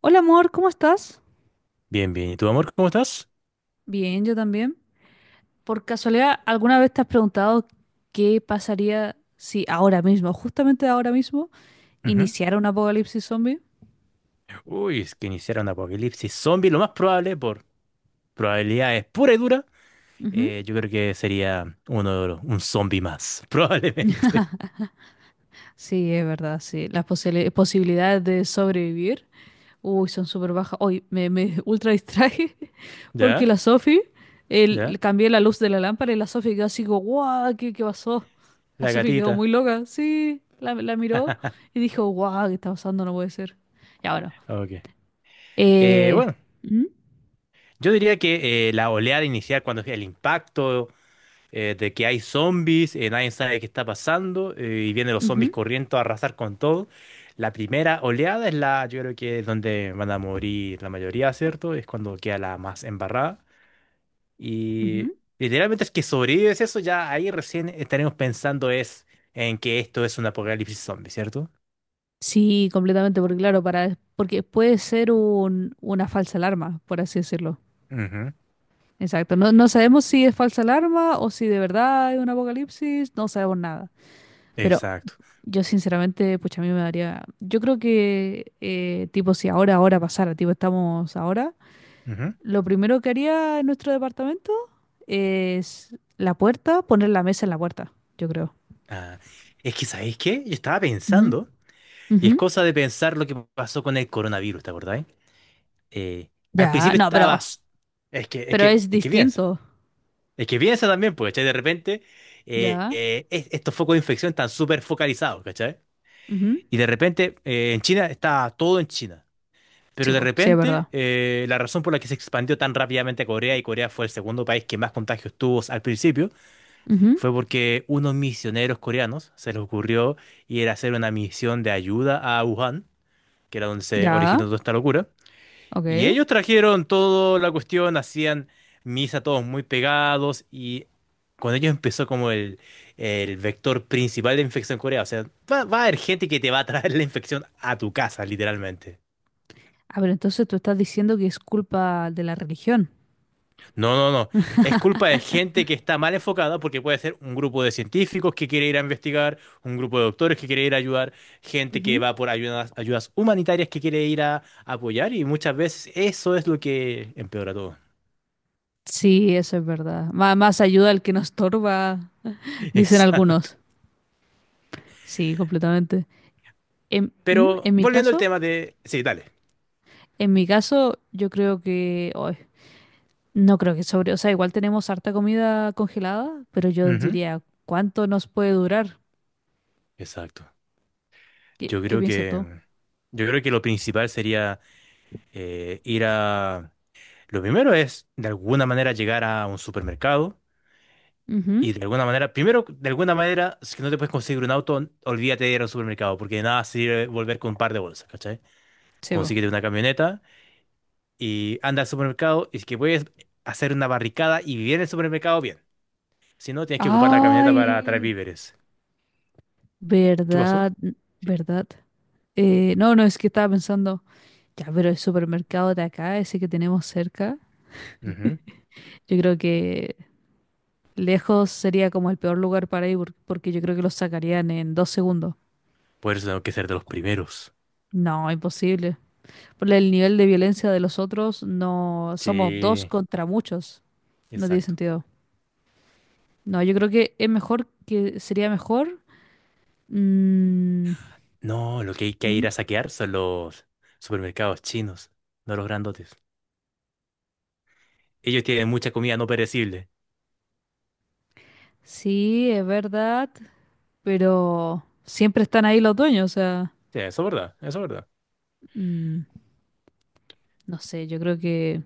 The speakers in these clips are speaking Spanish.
Hola amor, ¿cómo estás? Bien, bien. ¿Y tu amor, cómo estás? Bien, yo también. Por casualidad, ¿alguna vez te has preguntado qué pasaría si ahora mismo, justamente ahora mismo, Ujú. iniciara un apocalipsis zombie? Uy, es que iniciar un apocalipsis zombie, lo más probable, por probabilidades pura y dura, Ujú. Yo creo que sería un zombie más, probablemente. Sí, es verdad, sí. Las posibilidades de sobrevivir, uy, son súper bajas. Hoy me ultra distraje porque ¿Ya? la Sofi, le ¿Ya? cambié la luz de la lámpara y la Sofi quedó así como, guau, ¿qué pasó? La La Sofi quedó gatita. muy loca, sí, la miró y dijo, guau, ¿qué está pasando? No puede ser. Ya bueno. Ok. Eh, Bueno, Ujú, yo diría que la oleada inicial, cuando el impacto. De que hay zombies, nadie sabe qué está pasando, y vienen los ujú, zombies corriendo a arrasar con todo. La primera oleada es yo creo que es donde van a morir la mayoría, ¿cierto? Es cuando queda la más embarrada. Y ujú. literalmente es que sobrevives eso, ya ahí recién estaremos pensando es en que esto es un apocalipsis zombie, ¿cierto? Sí, completamente, porque claro, porque puede ser una falsa alarma, por así decirlo. Ujú, Exacto. No, no sabemos si es falsa alarma o si de verdad es un apocalipsis, no sabemos nada. Pero exacto. yo sinceramente, pucha, a mí me daría, yo creo que tipo si ahora pasara, tipo estamos ahora, Ujú. lo primero que haría en nuestro departamento es la puerta, poner la mesa en la puerta, yo creo. Ah, es que, ¿sabéis qué? Yo estaba Ujú, pensando, y ujú. es cosa de pensar lo que pasó con el coronavirus, ¿te acordáis? eh, Al Ya, principio no, pero estabas, es que, es Pero que, es es que piensa, distinto. es que piensa también, porque, ¿cachai? De repente, Ya. Estos focos de infección están súper focalizados, ¿cachai? Ujú. Y de repente, en China está todo en China. Pero Sí, de po, sí, es repente, verdad. La razón por la que se expandió tan rápidamente a Corea, y Corea fue el segundo país que más contagios tuvo al principio, Ujú. fue porque unos misioneros coreanos se les ocurrió ir a hacer una misión de ayuda a Wuhan, que era donde se originó Ya. toda esta locura. Y Ok. ellos trajeron toda la cuestión, hacían misa todos muy pegados y con ellos empezó como el vector principal de infección en Corea. O sea, va a haber gente que te va a traer la infección a tu casa, literalmente. Ah, pero entonces tú estás diciendo que es culpa de la religión. No, no, no. Es culpa de gente que está mal enfocada porque puede ser un grupo de científicos que quiere ir a investigar, un grupo de doctores que quiere ir a ayudar, gente que Ujú. va por ayudas humanitarias que quiere ir a apoyar y muchas veces eso es lo que empeora todo. Sí, eso es verdad. Más ayuda al que nos estorba, dicen Exacto. algunos. Sí, completamente. En, ¿Mm? Pero en mi volviendo al caso, tema de... Sí, dale. en mi caso, yo creo que ay, no creo que o sea, igual tenemos harta comida congelada, pero yo Ujú. diría, ¿cuánto nos puede durar? Exacto. ¿Qué, Yo qué creo piensas tú? que, yo creo que lo principal sería ir a... Lo primero es, de alguna manera, llegar a un supermercado Ujú. y de alguna manera, primero, de alguna manera, si no te puedes conseguir un auto, olvídate de ir al supermercado, porque de nada sirve volver con un par de bolsas, ¿cachai? Sí, po. Consíguete una camioneta y anda al supermercado y si que puedes hacer una barricada y vivir en el supermercado, bien. Si no, tienes que ocupar la camioneta para traer Ay, víveres. ¿Qué pasó? ¿verdad? Sí. ¿Verdad? No, no, es que estaba pensando, ya, pero el supermercado de acá, ese que tenemos cerca, yo creo que lejos sería como el peor lugar para ir porque yo creo que los sacarían en 2 segundos. Por eso tengo que ser de los primeros. No, imposible. Por el nivel de violencia de los otros, no, somos dos Sí, contra muchos. No tiene exacto. sentido. No, yo creo que es mejor que sería mejor. mm, No, lo que hay que ¿Mm? ir a saquear son los supermercados chinos, no los grandotes. Ellos tienen mucha comida no perecible. Sí, es verdad, pero siempre están ahí los dueños, o sea. Sí, eso es verdad, eso es verdad. Mm, no sé, yo creo que,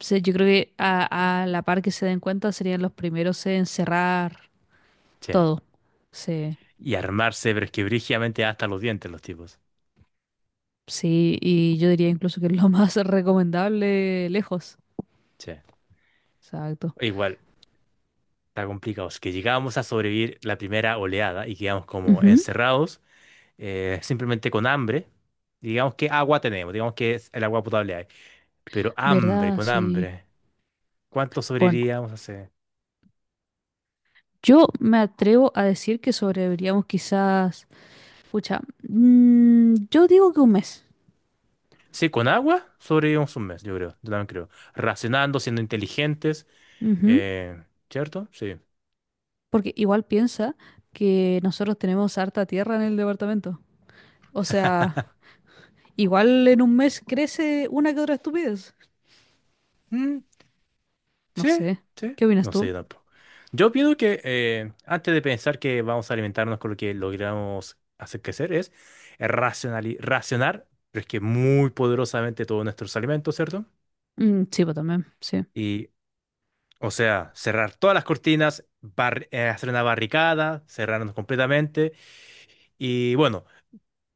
sí, yo creo que a la par que se den cuenta serían los primeros en cerrar Che. todo. Sí, Y armarse, pero es que brígidamente hasta los dientes los tipos. sí, y yo diría incluso que es lo más recomendable lejos. Che. Exacto. Igual, está complicado. Es que llegábamos a sobrevivir la primera oleada y quedamos como Ujú, encerrados, simplemente con hambre. Digamos que agua tenemos, digamos que es el agua potable hay. Pero hambre, ¿verdad? con Sí. hambre. ¿Cuánto Bueno, sobreviviríamos hace? yo me atrevo a decir que sobreviviríamos quizás, pucha, yo digo que un mes. Sí, con agua sobrevivimos un mes, yo creo. Yo también creo. Racionando, siendo inteligentes. Ujú, eh, ¿Cierto? Sí. porque igual piensa que nosotros tenemos harta tierra en el departamento. O sea... Igual en un mes crece una que otra estupidez. Mm, No sí, sé. sí. ¿Qué opinas No sé tú? yo tampoco. Yo opino que antes de pensar que vamos a alimentarnos con lo que logramos hacer crecer, es racionar, pero es que muy poderosamente todos nuestros alimentos, ¿cierto? Mm, sí, pues también, sí. Y, o sea, cerrar todas las cortinas, hacer una barricada, cerrarnos completamente. Y bueno,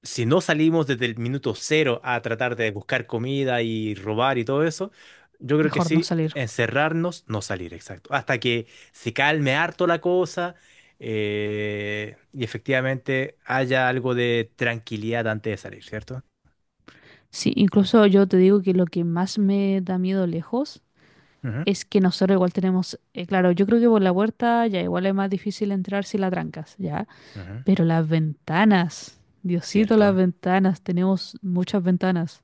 si no salimos desde el minuto cero a tratar de buscar comida y robar y todo eso, yo creo que Mejor no sí, salir. encerrarnos, no salir, exacto. Hasta que se calme harto la cosa y efectivamente haya algo de tranquilidad antes de salir, cierto. Sí, incluso yo te digo que lo que más me da miedo lejos Ujú, es que nosotros igual tenemos, claro, yo creo que por la puerta ya igual es más difícil entrar si la trancas, ya. ujú, Pero las ventanas, Diosito, las cierto, ventanas, tenemos muchas ventanas.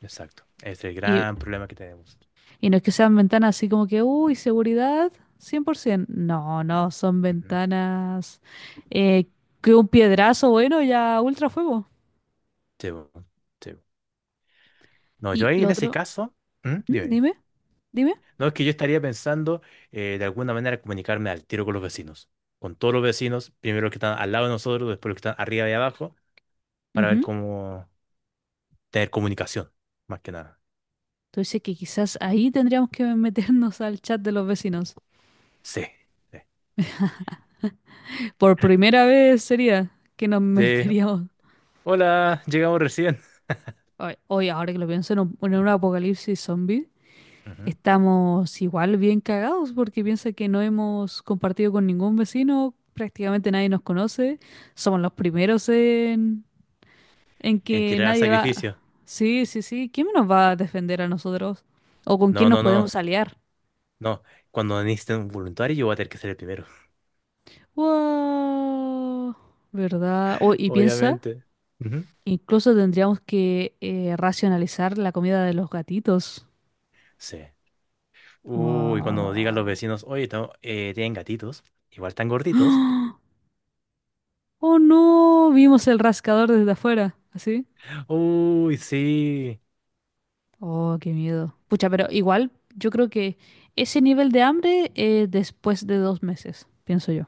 exacto. Es el Y gran problema que tenemos. Y no es que sean ventanas así como que, uy, seguridad 100%. No, no, son Ujú, ventanas eh, que un piedrazo, bueno, ya ultra fuego. sí, bo- sí, bo. No, yo Y ahí lo en ese otro, caso, ¿Mm? ¿Mm? Dime. dime, dime. No, es que yo estaría pensando de alguna manera comunicarme al tiro con los vecinos, con todos los vecinos, primero los que están al lado de nosotros, después los que están arriba y abajo, para ver Ujú. cómo tener comunicación, más que nada. Entonces que quizás ahí tendríamos que meternos al chat de los vecinos. Sí, sí. Por primera vez sería que nos Sí. meteríamos. Hola, llegamos recién. Hoy, ahora que lo pienso, en un apocalipsis zombie, Ujú. estamos igual bien cagados porque piensa que no hemos compartido con ningún vecino, prácticamente nadie nos conoce, somos los primeros en, En que tirar a nadie va. sacrificio. Sí, sí, sí, ¿quién nos va a defender a nosotros? ¿O con No, quién nos no, no, podemos aliar? no. Cuando necesiten un voluntario, yo voy a tener que ser el primero. Wow, ¿verdad? Oh, y piensa, Obviamente. Ujú. incluso tendríamos que racionalizar la comida de los gatitos. Sí. Uy, cuando digan los Wow. vecinos, oye, tienen gatitos, igual están gorditos. ¡Ah! Oh no, vimos el rascador desde afuera, así. Uy, sí. Oh, qué miedo. Pucha, pero igual yo creo que ese nivel de hambre después de 2 meses, pienso yo.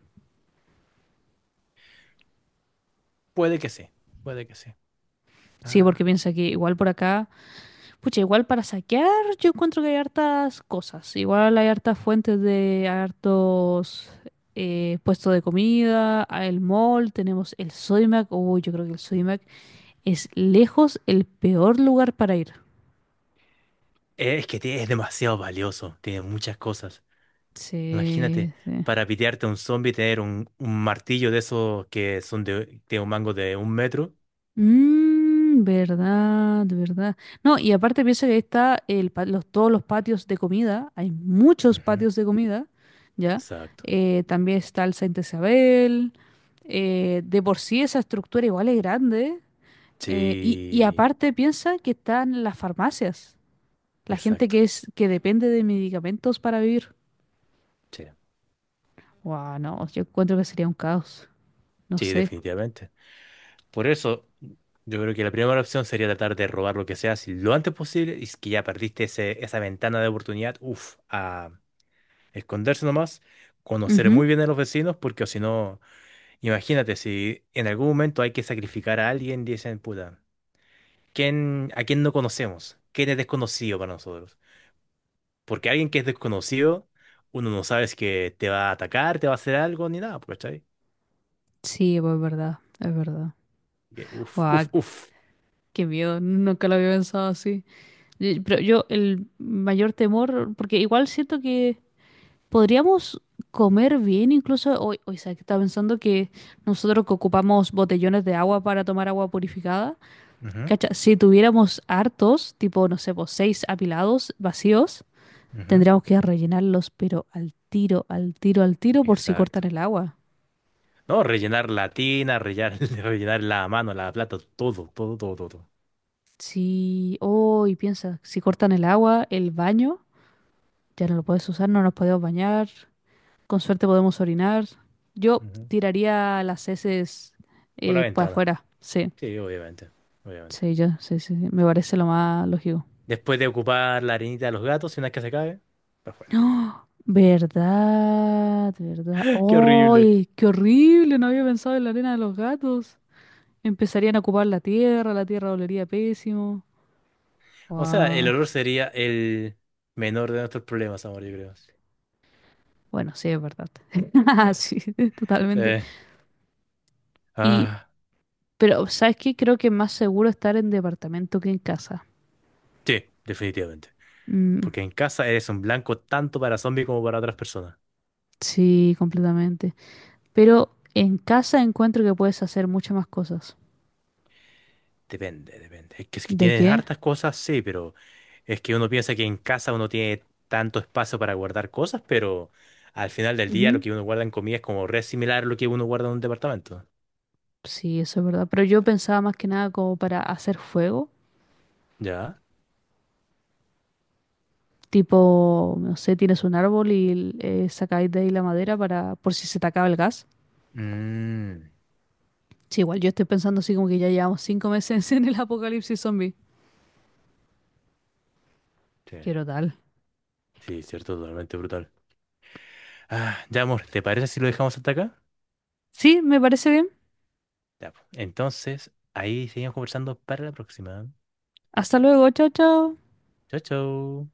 Puede que sí, puede que sí. Sí, porque Ah. piensa que igual por acá, pucha, igual para saquear yo encuentro que hay hartas cosas. Igual hay hartos puestos de comida, hay el mall, tenemos el Sodimac. Uy, yo creo que el Sodimac es lejos el peor lugar para ir. Es que es demasiado valioso, tiene muchas cosas. Imagínate, Sí, sí. para pitearte a un zombie, tener un martillo de esos que son de un mango de 1 metro. Mmm, verdad, verdad. No, y aparte piensa que ahí está todos los patios de comida, hay muchos Ujú, patios de comida, ¿ya? exacto. También está el Santa Isabel, de por sí esa estructura igual es grande, y Sí, aparte piensa que están las farmacias, la gente exacto. que es, que depende de medicamentos para vivir. Sí, Wow, no, yo encuentro que sería un caos, no sí, sé. definitivamente. Por eso, yo creo que la primera opción sería tratar de robar lo que sea si lo antes posible. Y es que ya perdiste esa ventana de oportunidad, uff, a esconderse nomás, conocer muy Ujú. bien a los vecinos, porque o si no. Imagínate, si en algún momento hay que sacrificar a alguien, dicen, puta, a quién no conocemos? ¿Quién es desconocido para nosotros? Porque alguien que es desconocido, uno no sabe si que te va a atacar, te va a hacer algo, ni nada, pues, ¿cachai? Sí, pues es verdad, es verdad. Que, uf, uf, uf. Qué miedo, nunca lo había pensado así. Pero yo el mayor temor, porque igual siento que podríamos comer bien incluso hoy sabes que estaba pensando que nosotros que ocupamos botellones de agua para tomar agua purificada, Ujú, cacha, si tuviéramos hartos, tipo, no sé, pues seis apilados vacíos, ujú. tendríamos que rellenarlos, pero al tiro, al tiro, al tiro por si Exacto. cortan el agua. No, rellenar la tina, rellenar, rellenar la mano, la plata, todo, todo, todo, todo, todo. Si, oh, y piensa, si cortan el agua, el baño, ya no lo puedes usar, no nos podemos bañar. Con suerte podemos orinar. Yo Ujú. tiraría las heces Por la para ventana. afuera. Sí, Sí, obviamente, obviamente. sí, yo, sí, sí, sí. Me parece lo más lógico. Después de ocupar la arenita de los gatos, si una vez que se cae, para afuera. ¡Oh! ¿Verdad? ¿Verdad? Qué horrible. ¡Ay, qué horrible! No había pensado en la arena de los gatos. Empezarían a ocupar la tierra olería pésimo. O sea, el ¡Guau! olor sería el menor de nuestros problemas, amor, yo creo. Bueno, sí, es verdad. Sí. Sí, Sí. totalmente. Y, Ah, pero, ¿sabes qué? Creo que es más seguro estar en departamento que en casa. sí, definitivamente. Mm, Porque en casa eres un blanco tanto para zombies como para otras personas. sí, completamente. Pero en casa encuentro que puedes hacer muchas más cosas. Depende, depende. Es que si ¿De tienes qué? hartas cosas, sí, pero es que uno piensa que en casa uno tiene tanto espacio para guardar cosas, pero al final del día lo Ujú. que uno guarda en comida es como re similar a lo que uno guarda en un departamento. Sí, eso es verdad. Pero yo pensaba más que nada como para hacer fuego. ¿Ya? Tipo, no sé, tienes un árbol y sacáis de ahí la madera para por si se te acaba el gas. Mm, Sí, igual yo estoy pensando así como que ya llevamos 5 meses en el apocalipsis zombie. sí, Quiero tal. sí, cierto, totalmente brutal. Ah, ya, amor, ¿te parece si lo dejamos hasta acá? Sí, me parece bien. Ya, po. Entonces, ahí seguimos conversando para la próxima. Hasta luego, chao, chao. Chau, chau.